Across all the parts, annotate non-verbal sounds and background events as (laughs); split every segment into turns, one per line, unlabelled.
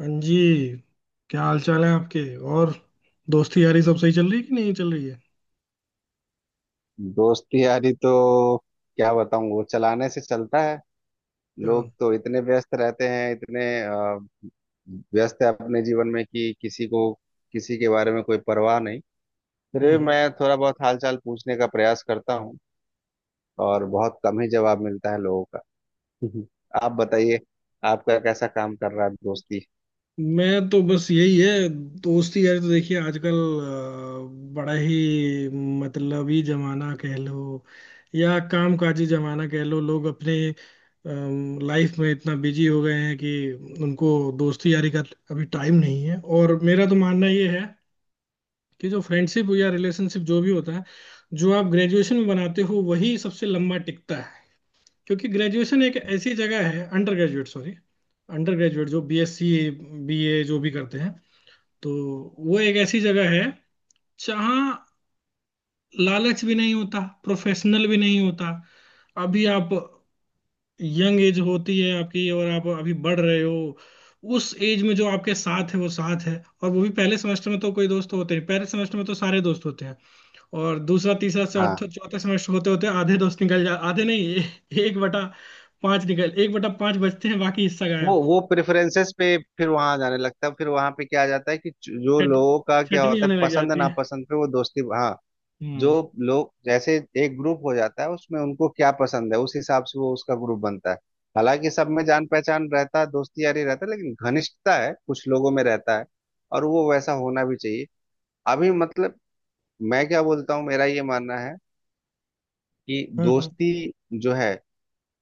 हाँ जी। क्या हाल चाल है आपके? और दोस्ती यारी सब सही चल रही है कि नहीं चल रही है?
दोस्ती यारी तो क्या बताऊं, वो चलाने से चलता है।
क्या, हम्म।
लोग तो इतने व्यस्त रहते हैं, इतने व्यस्त है अपने जीवन में कि किसी को किसी के बारे में कोई परवाह नहीं। फिर भी
हम्म।
मैं थोड़ा बहुत हालचाल पूछने का प्रयास करता हूँ, और बहुत कम ही जवाब मिलता है लोगों का। हम्म। आप बताइए, आपका कैसा काम कर रहा है दोस्ती?
मैं तो, बस यही है। दोस्ती यारी तो देखिए, आजकल बड़ा ही मतलबी जमाना कह लो, या कामकाजी जमाना कह लो। लोग अपने लाइफ में इतना बिजी हो गए हैं कि उनको दोस्ती यारी का अभी टाइम नहीं है। और मेरा तो मानना ये है कि जो फ्रेंडशिप या रिलेशनशिप जो भी होता है, जो आप ग्रेजुएशन में बनाते हो वही सबसे लंबा टिकता है। क्योंकि ग्रेजुएशन एक ऐसी जगह है, अंडर ग्रेजुएट जो BSc BA जो भी करते हैं, तो वो एक ऐसी जगह है जहाँ लालच भी नहीं होता, प्रोफेशनल भी नहीं होता। अभी आप, यंग एज होती है आपकी, और आप अभी बढ़ रहे हो। उस एज में जो आपके साथ है वो साथ है। और वो भी, पहले सेमेस्टर में तो कोई दोस्त होते नहीं, पहले सेमेस्टर में तो सारे दोस्त होते हैं। और दूसरा तीसरा
हाँ,
चौथा चौथा सेमेस्टर होते होते आधे दोस्त निकल जा, आधे नहीं, एक बटा पांच निकल, एक बटा पांच बचते हैं, बाकी हिस्सा
वो
गायब।
वो प्रेफरेंसेस पे फिर वहां जाने लगता है। फिर वहां पे क्या आ जाता है कि जो
छट
लोगों का क्या
छटनी
होता है,
होने लग
पसंद
जाती है।
नापसंद पे वो दोस्ती। हाँ, जो
हम्म,
लोग जैसे एक ग्रुप हो जाता है उसमें, उनको क्या पसंद है उस हिसाब से वो उसका ग्रुप बनता है। हालांकि सब में जान पहचान रहता है, दोस्ती यारी रहता है, लेकिन घनिष्ठता है कुछ लोगों में रहता है, और वो वैसा होना भी चाहिए। अभी मतलब मैं क्या बोलता हूँ, मेरा ये मानना है कि
हम्म, हम्म।
दोस्ती जो है,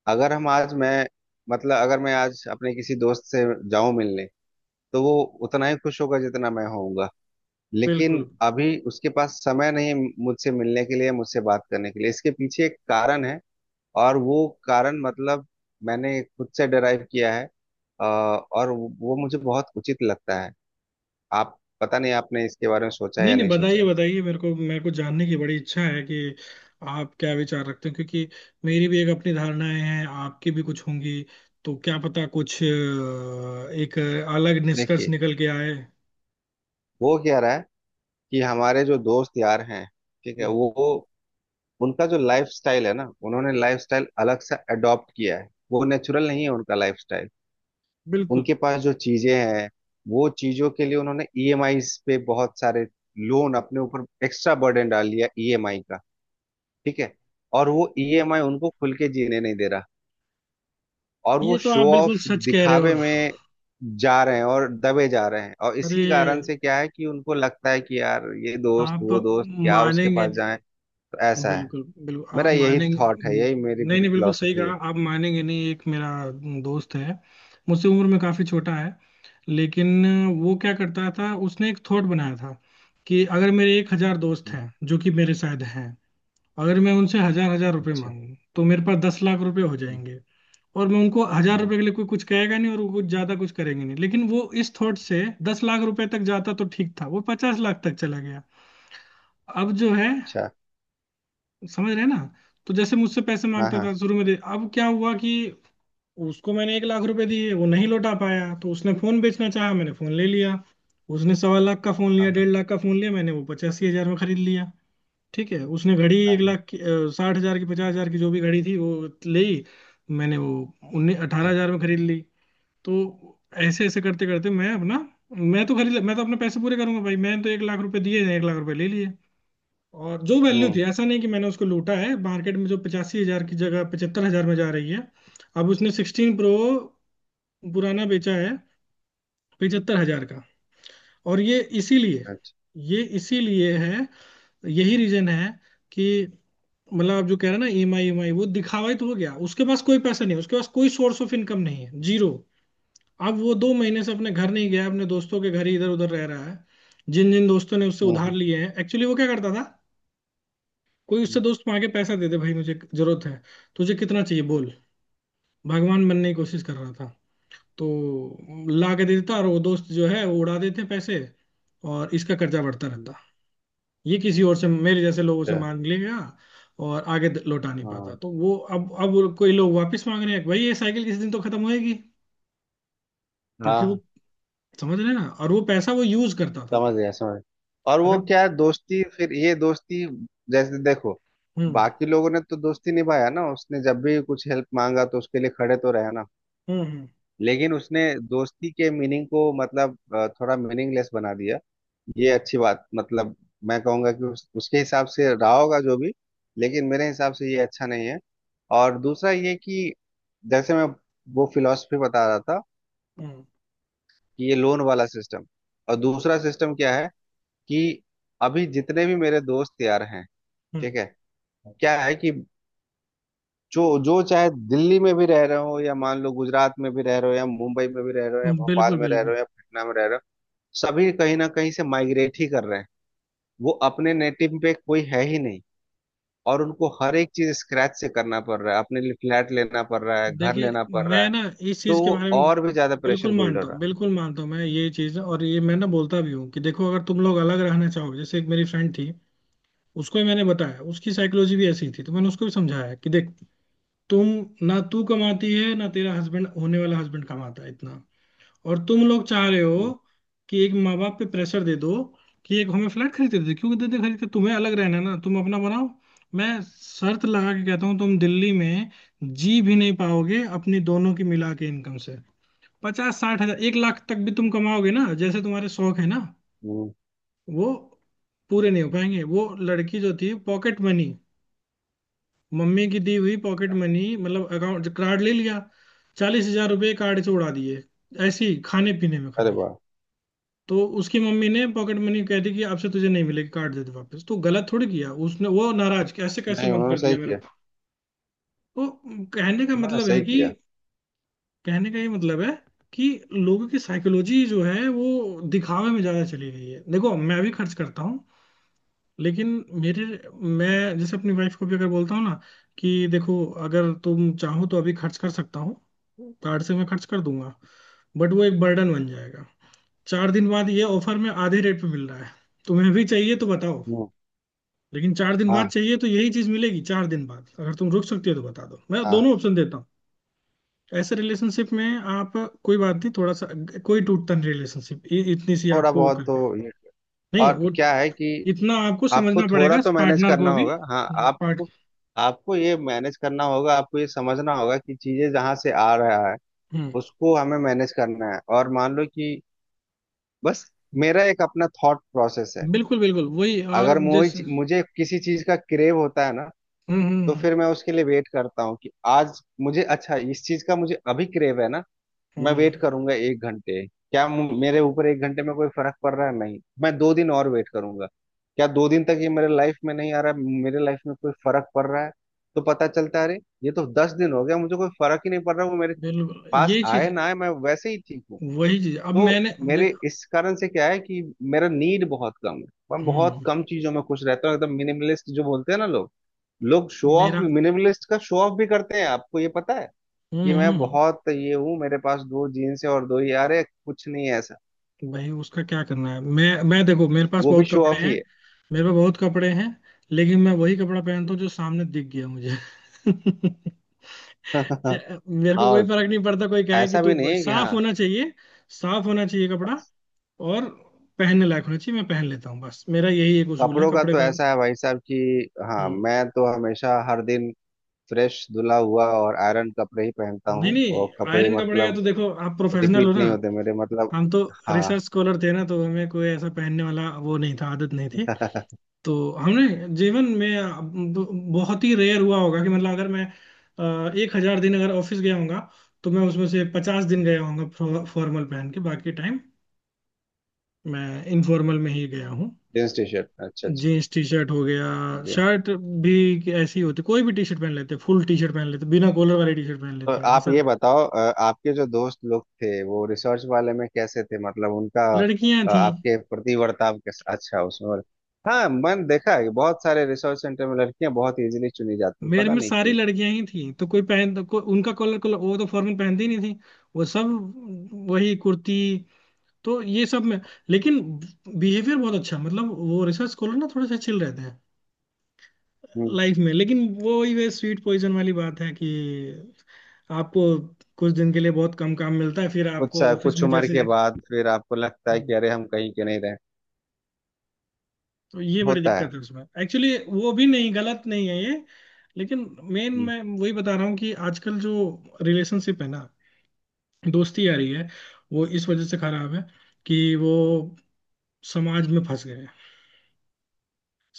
अगर हम आज मैं मतलब अगर मैं आज अपने किसी दोस्त से जाऊं मिलने, तो वो उतना ही खुश होगा जितना मैं होऊंगा। लेकिन
बिल्कुल।
अभी उसके पास समय नहीं है मुझसे मिलने के लिए, मुझसे बात करने के लिए। इसके पीछे एक कारण है, और वो कारण मतलब मैंने खुद से डराइव किया है। और वो मुझे बहुत उचित लगता है। आप पता नहीं आपने इसके बारे में सोचा है
नहीं
या
नहीं,
नहीं सोचा
बताइए
है।
बताइए, मेरे को जानने की बड़ी इच्छा है कि आप क्या विचार रखते हैं। क्योंकि मेरी भी एक अपनी धारणाएं हैं, आपकी भी कुछ होंगी, तो क्या पता कुछ एक अलग निष्कर्ष
देखिए,
निकल के आए।
वो क्या रहा है कि हमारे जो दोस्त यार हैं, ठीक है, उनका जो लाइफ स्टाइल है ना, उन्होंने लाइफ स्टाइल अलग से अडॉप्ट किया है। वो नेचुरल नहीं है उनका लाइफ।
बिल्कुल।
उनके पास जो चीजें हैं, वो चीजों के लिए उन्होंने ईएमआई पे बहुत सारे लोन अपने ऊपर एक्स्ट्रा बर्डन डाल लिया ईएमआई का, ठीक है? और वो ईएमआई उनको खुल के जीने नहीं दे रहा। और वो
ये तो
शो
आप बिल्कुल
ऑफ,
सच कह रहे हो।
दिखावे में जा रहे हैं और दबे जा रहे हैं। और
अरे,
इसी कारण से क्या है कि उनको लगता है कि यार ये दोस्त
आप
वो दोस्त, क्या उसके
मानेंगे
पास जाएं,
नहीं।
तो ऐसा है।
बिल्कुल बिल्कुल, आप
मेरा यही
मानेंगे।
थॉट है, यही मेरी
नहीं
फिर
नहीं, बिल्कुल सही
फिलोसफी
कहा।
है।
आप मानेंगे नहीं। एक मेरा दोस्त है, मुझसे उम्र में काफी छोटा है। लेकिन वो क्या करता था, उसने एक थॉट बनाया था कि अगर मेरे 1000 दोस्त
हम्म,
हैं, जो कि मेरे शायद हैं, अगर मैं उनसे हजार हजार रुपए
अच्छा।
मांगू तो मेरे पास 10 लाख रुपए हो
हम्म,
जाएंगे। और मैं उनको हजार
हम्म,
रुपए के लिए, कोई कुछ कहेगा नहीं और वो कुछ ज्यादा कुछ करेंगे नहीं। लेकिन वो इस थॉट से 10 लाख रुपए तक जाता तो ठीक था, वो 50 लाख तक चला गया। अब जो है,
अच्छा।
समझ रहे हैं ना? तो जैसे मुझसे पैसे
हाँ
मांगता
हाँ।
था शुरू में दे, अब क्या हुआ कि उसको मैंने 1 लाख रुपए दिए, वो नहीं लौटा पाया। तो उसने फोन बेचना चाहा, मैंने फोन ले लिया। उसने 1.25 लाख का फोन
हाँ
लिया,
हाँ।
1.5 लाख का फोन लिया, मैंने वो 85,000 में खरीद लिया। ठीक है, उसने घड़ी एक
हाँ
लाख की 60,000 की, 50,000 की, जो भी घड़ी थी वो ली, मैंने वो उन्नीस अठारह
हाँ,
हजार में खरीद ली। तो ऐसे ऐसे करते करते, मैं अपना, मैं तो खरीद, मैं तो अपने पैसे पूरे करूंगा भाई। मैंने तो 1 लाख रुपए दिए, 1 लाख रुपए ले लिए। और जो वैल्यू
हम्म।
थी, ऐसा नहीं कि मैंने उसको लूटा है, मार्केट में जो 85,000 की जगह 75,000 में जा रही है। अब उसने 16 Pro पुराना बेचा है, 75,000 का। और ये इसीलिए,
अच्छा।
ये इसीलिए है, यही रीजन है, कि मतलब, आप जो कह रहे हैं ना, EMI, EMI, वो दिखावा ही तो हो गया। उसके पास कोई पैसा नहीं है, उसके पास कोई सोर्स ऑफ इनकम नहीं है, जीरो। अब वो 2 महीने से अपने घर नहीं गया, अपने दोस्तों के घर ही इधर उधर रह रहा है। जिन जिन दोस्तों ने उससे उधार
हम्म।
लिए हैं, एक्चुअली वो क्या करता था, कोई
अच्छा,
उससे दोस्त मांगे के पैसा दे दे भाई मुझे जरूरत है, तुझे कितना चाहिए बोल, भगवान बनने की कोशिश कर रहा था। तो ला के दे देता, और वो दोस्त जो है वो उड़ा देते पैसे, और इसका कर्जा बढ़ता रहता। ये किसी और से, मेरे जैसे लोगों से मांग लेगा। और आगे लौटा नहीं पाता।
हाँ
तो वो, अब वो, कोई लोग वापस मांग रहे हैं, भाई ये साइकिल किसी दिन तो खत्म होएगी। क्योंकि वो,
हाँ।
समझ रहे हैं ना, और वो पैसा वो यूज करता था।
समझ गया, समझ गया। और वो
अगर
क्या है, दोस्ती, फिर ये दोस्ती जैसे देखो,
हम्म,
बाकी लोगों ने तो दोस्ती निभाया ना, उसने जब भी कुछ हेल्प मांगा तो उसके लिए खड़े तो रहे ना।
हम्म, हम्म,
लेकिन उसने दोस्ती के मीनिंग को मतलब थोड़ा मीनिंगलेस बना दिया। ये अच्छी बात, मतलब मैं कहूंगा कि उसके हिसाब से रहा होगा जो भी, लेकिन मेरे हिसाब से ये अच्छा नहीं है। और दूसरा ये कि जैसे मैं वो फिलॉसफी बता रहा था
हम्म,
कि ये लोन वाला सिस्टम, और दूसरा सिस्टम क्या है कि अभी जितने भी मेरे दोस्त यार हैं,
हम्म,
ठीक है, क्या है कि जो जो चाहे दिल्ली में भी रह रहे हो, या मान लो गुजरात में भी रह रहे हो, या मुंबई में भी रह रहे हो, या
हम्म।
भोपाल
बिल्कुल
में रह रहे
बिल्कुल।
हो, या पटना में रह रहे हो, सभी कहीं ना कहीं से माइग्रेट ही कर रहे हैं। वो अपने नेटिव पे कोई है ही नहीं, और उनको हर एक चीज स्क्रैच से करना पड़ रहा है, अपने लिए फ्लैट लेना पड़ रहा है, घर
देखिए,
लेना पड़ रहा
मैं
है,
ना इस चीज
तो
के
वो
बारे में
और भी ज्यादा प्रेशर
बिल्कुल
बिल्ड हो
मानता हूँ,
रहा है।
बिल्कुल मानता हूँ मैं ये चीज। और ये मैं ना बोलता भी हूँ कि देखो, अगर तुम लोग अलग रहना चाहोगे। जैसे एक मेरी फ्रेंड थी, उसको ही मैंने बताया। उसकी साइकोलॉजी भी ऐसी थी, तो मैंने उसको भी समझाया कि देख, तुम ना, तू कमाती है ना, तेरा हस्बैंड, होने वाला हस्बैंड, कमाता है इतना। और तुम लोग चाह रहे हो
हम्म,
कि एक माँ बाप पे प्रेशर दे दो, कि एक हमें फ्लैट खरीदते दे। क्यों देते खरीदते, तुम्हें अलग रहना है ना, तुम अपना बनाओ। मैं शर्त लगा के कहता हूँ, तुम दिल्ली में जी भी नहीं पाओगे अपनी दोनों की मिला के इनकम से। 50-60 हजार, 1 लाख तक भी तुम कमाओगे ना, जैसे तुम्हारे शौक है ना
हम्म।
वो पूरे नहीं हो पाएंगे। वो लड़की जो थी, पॉकेट मनी, मम्मी की दी हुई पॉकेट मनी, मतलब अकाउंट कार्ड ले लिया, 40,000 रुपये कार्ड से उड़ा दिए, ऐसे ही खाने पीने में
अरे
खाली।
वाह।
तो उसकी मम्मी ने पॉकेट मनी कह दी कि आपसे तुझे नहीं मिलेगी, कार्ड दे दे वापस। तो गलत थोड़ी किया उसने, वो नाराज, कैसे कैसे
नहीं,
मन
उन्होंने
कर
सही
दिया मेरे
किया।
को। तो कहने का
हाँ,
मतलब है
सही
कि,
किया।
कहने का ये मतलब है कि लोगों की साइकोलॉजी जो है वो दिखावे में ज्यादा चली गई है। देखो, मैं भी खर्च करता हूँ, लेकिन मेरे मैं जैसे अपनी वाइफ को भी अगर बोलता हूँ ना कि देखो, अगर तुम चाहो तो अभी खर्च कर सकता हूँ, कार्ड से मैं खर्च कर दूंगा, बट वो एक बर्डन बन जाएगा। चार दिन बाद ये ऑफर में आधे रेट पे मिल रहा है, तुम्हें भी चाहिए तो बताओ।
हाँ
लेकिन चार दिन बाद
हाँ।
चाहिए तो यही चीज मिलेगी, चार दिन बाद अगर तुम रुक सकती हो तो बता दो, मैं
हाँ,
दोनों ऑप्शन देता हूँ। ऐसे रिलेशनशिप में आप, कोई बात नहीं थोड़ा सा, कोई टूटता नहीं रिलेशनशिप इतनी सी
थोड़ा
आपको वो
बहुत
करके।
तो ये,
नहीं
और
वो,
क्या है कि
इतना आपको
आपको
समझना
थोड़ा
पड़ेगा
तो मैनेज
पार्टनर
करना
को भी
होगा। हाँ,
पार्ट
आपको, आपको ये मैनेज करना होगा, आपको ये समझना होगा कि चीजें जहाँ से आ रहा है,
हम्म,
उसको हमें मैनेज करना है। और मान लो कि बस मेरा एक अपना थॉट प्रोसेस है।
बिल्कुल बिल्कुल वही। और
अगर
अब जैसे,
मुझे मुझे किसी चीज का क्रेव होता है ना,
हम्म,
तो
हम्म,
फिर मैं उसके लिए वेट करता हूँ कि आज मुझे अच्छा इस चीज का मुझे अभी क्रेव है ना, मैं
हम्म।
वेट करूंगा 1 घंटे। क्या मेरे ऊपर 1 घंटे में कोई फर्क पड़ रहा है? नहीं। मैं 2 दिन और वेट करूंगा। क्या 2 दिन तक ये मेरे लाइफ में नहीं आ रहा है, मेरे लाइफ में कोई फर्क पड़ रहा है? तो पता चलता है अरे ये तो 10 दिन हो गया, मुझे कोई फर्क ही नहीं पड़ रहा। वो मेरे
बिल्कुल
पास
ये चीज,
आए ना आए, मैं वैसे ही ठीक हूँ।
वही चीज, अब
तो
मैंने
मेरे इस कारण से क्या है कि मेरा नीड बहुत कम है। मैं बहुत
हम्म।
कम चीजों में खुश रहता हूँ, एकदम मिनिमलिस्ट जो बोलते हैं ना लोग। लोग शो ऑफ,
मेरा,
मिनिमलिस्ट का शो ऑफ भी करते हैं, आपको ये पता है?
हम्म,
कि मैं
हम्म।
बहुत ये हूँ, मेरे पास 2 जीन्स है और दो ही यार है, कुछ नहीं है ऐसा।
भाई उसका क्या करना है, मैं देखो, मेरे पास
वो भी
बहुत
शो
कपड़े
ऑफ
हैं।
ही है।
मेरे पास बहुत कपड़े हैं, लेकिन मैं वही कपड़ा पहनता हूँ जो सामने दिख गया मुझे। (laughs)
(laughs)
मेरे को कोई
और
फर्क नहीं
क्या,
पड़ता, कोई कहे कि
ऐसा भी नहीं
तू
है कि
साफ
हाँ,
होना चाहिए। साफ होना चाहिए कपड़ा,
बस।
और पहनने लायक होना चाहिए, मैं पहन लेता हूँ। बस मेरा यही एक उसूल है
कपड़ों का
कपड़े
तो
पहन।
ऐसा है भाई साहब कि हाँ,
हम्म।
मैं तो हमेशा हर दिन फ्रेश धुला हुआ और आयरन कपड़े ही पहनता
नहीं
हूँ। और
नहीं,
कपड़े
आयरन कपड़े का तो
मतलब
देखो, आप प्रोफेशनल हो
रिपीट
ना,
नहीं होते मेरे, मतलब
हम तो
हाँ।
रिसर्च स्कॉलर थे ना, तो हमें कोई ऐसा पहनने वाला वो नहीं था, आदत नहीं।
(laughs)
तो हमने जीवन में, अब बहुत ही रेयर हुआ होगा कि, मतलब अगर मैं 1000 दिन अगर ऑफिस गया होगा, तो मैं उसमें से 50 दिन गया होगा फॉर्मल पहन के। बाकी टाइम मैं इनफॉर्मल में ही गया हूँ।
जींस टी शर्ट, अच्छा अच्छा।
जीन्स टी शर्ट हो गया,
अच्छा।
शर्ट भी ऐसी ही होती, कोई भी टी शर्ट पहन लेते, फुल टी शर्ट पहन लेते, बिना कॉलर वाली टी शर्ट पहन
तो
लेते हैं,
आप
ऐसा।
ये बताओ, आपके जो दोस्त लोग थे वो रिसर्च वाले में कैसे थे, मतलब उनका
लड़कियां थी,
आपके प्रति वर्ताव कैसा? अच्छा, उसमें और हाँ मैंने देखा है कि बहुत सारे रिसर्च सेंटर में लड़कियां बहुत इजीली चुनी जाती हैं,
मेरे
पता
में
नहीं
सारी
क्यों।
लड़कियां ही थी, तो कोई पहन को, उनका कॉलर कॉलर, वो तो फॉर्मल पहनती ही नहीं थी, वो सब वही कुर्ती। तो ये सब में, लेकिन बिहेवियर बहुत अच्छा है। मतलब वो रिसर्च स्कॉलर ना थोड़े से चिल रहते हैं
हम्म।
लाइफ में, लेकिन वो वही, वे स्वीट पॉइजन वाली बात है कि आपको कुछ दिन के लिए बहुत कम काम मिलता है, फिर आपको ऑफिस
कुछ
में,
उम्र
जैसे
के बाद
जैसे,
फिर आपको लगता है कि
हम्म।
अरे हम कहीं के नहीं रहे।
तो ये बड़ी
होता है।
दिक्कत है उसमें, एक्चुअली वो भी नहीं, गलत नहीं है ये, लेकिन मेन
हम्म,
मैं वही बता रहा हूँ कि आजकल जो रिलेशनशिप है ना, दोस्ती आ रही है, वो इस वजह से खराब है कि वो समाज में फंस गए हैं।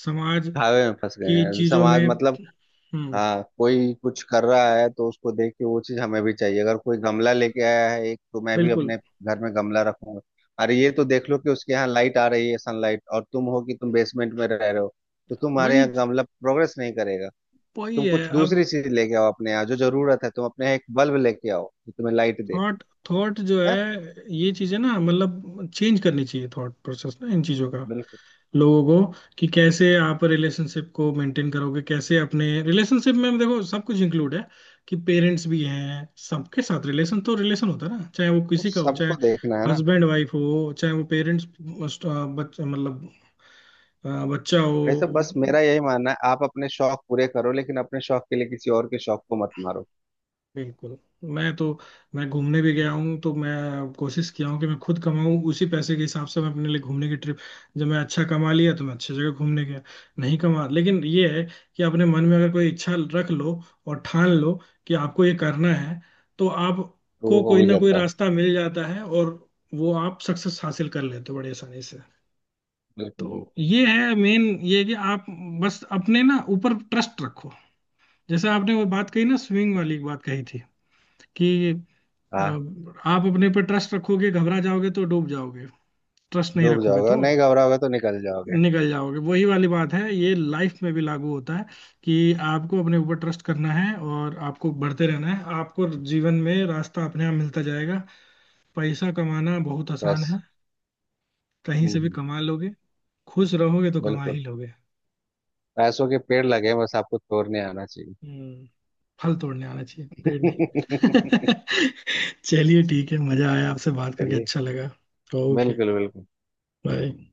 समाज
धावे में फंस गए
की
हैं
चीजों में।
समाज मतलब।
हम्म।
हाँ, कोई कुछ कर रहा है तो उसको देख के वो चीज हमें भी चाहिए। अगर कोई गमला लेके आया है एक, तो मैं भी
बिल्कुल
अपने घर में गमला रखूंगा। अरे ये तो देख लो कि उसके यहाँ लाइट आ रही है सनलाइट, और तुम हो कि तुम बेसमेंट में रह रहे हो, तो तुम्हारे
वही,
यहाँ गमला प्रोग्रेस नहीं करेगा।
वही
तुम
है
कुछ
अब।
दूसरी चीज लेके आओ अपने यहाँ, जो जरूरत है तुम अपने यहाँ एक बल्ब लेके आओ जो तुम्हें लाइट दे।
थॉट, थॉट जो
है।
है, ये चीजें ना मतलब चेंज करनी चाहिए, थॉट प्रोसेस ना इन चीजों का,
बिल्कुल।
लोगों को, कि कैसे आप रिलेशनशिप को मेंटेन करोगे, कैसे अपने रिलेशनशिप में। देखो सब कुछ इंक्लूड है, कि पेरेंट्स भी हैं, सबके साथ रिलेशन तो रिलेशन होता है ना, चाहे वो
तो
किसी का हो, चाहे
सबको देखना है ना।
हस्बैंड वाइफ हो, चाहे वो पेरेंट्स बच्चा, मतलब बच्चा
वैसे
हो।
बस मेरा यही मानना है, आप अपने शौक पूरे करो, लेकिन अपने शौक के लिए किसी और के शौक को मत मारो।
बिल्कुल। मैं तो मैं घूमने भी
ठीक है।
गया हूँ तो मैं कोशिश किया हूँ कि मैं खुद कमाऊँ, उसी पैसे के हिसाब से मैं अपने लिए घूमने की ट्रिप, जब मैं अच्छा कमा लिया तो मैं अच्छी जगह घूमने गया, नहीं कमा। लेकिन ये है कि अपने मन में अगर कोई इच्छा रख लो और ठान लो कि आपको ये करना है, तो
तो वो
आपको
हो
कोई
भी
ना कोई
जाता है।
रास्ता मिल जाता है, और वो आप सक्सेस हासिल कर लेते हो बड़ी आसानी से।
बिल्कुल बिल्कुल।
तो ये है मेन, ये है कि आप बस अपने ना ऊपर ट्रस्ट रखो। जैसे आपने वो बात कही ना, स्विंग वाली बात कही थी कि
हाँ,
अब आप अपने पर ट्रस्ट रखोगे, घबरा जाओगे तो डूब जाओगे, ट्रस्ट नहीं
डूब
रखोगे
जाओगे
तो
नहीं, घबराओगे तो निकल जाओगे।
निकल जाओगे। वही वाली बात है, ये लाइफ में भी लागू होता है कि आपको अपने ऊपर ट्रस्ट करना है, और आपको बढ़ते रहना है। आपको जीवन में रास्ता अपने आप मिलता जाएगा। पैसा कमाना बहुत आसान
बस।
है, कहीं
हम्म
से भी
हम्म,
कमा लोगे, खुश रहोगे तो कमा
बिल्कुल।
ही लोगे।
पैसों के पेड़ लगे हैं, बस आपको तोड़ने आना चाहिए।
हम्म। फल तोड़ने आना चाहिए, पेड़ नहीं।
(laughs)
(laughs) चलिए ठीक है, मजा आया, आपसे बात करके
चलिए।
अच्छा लगा। ओके।
बिल्कुल बिल्कुल।
बाय।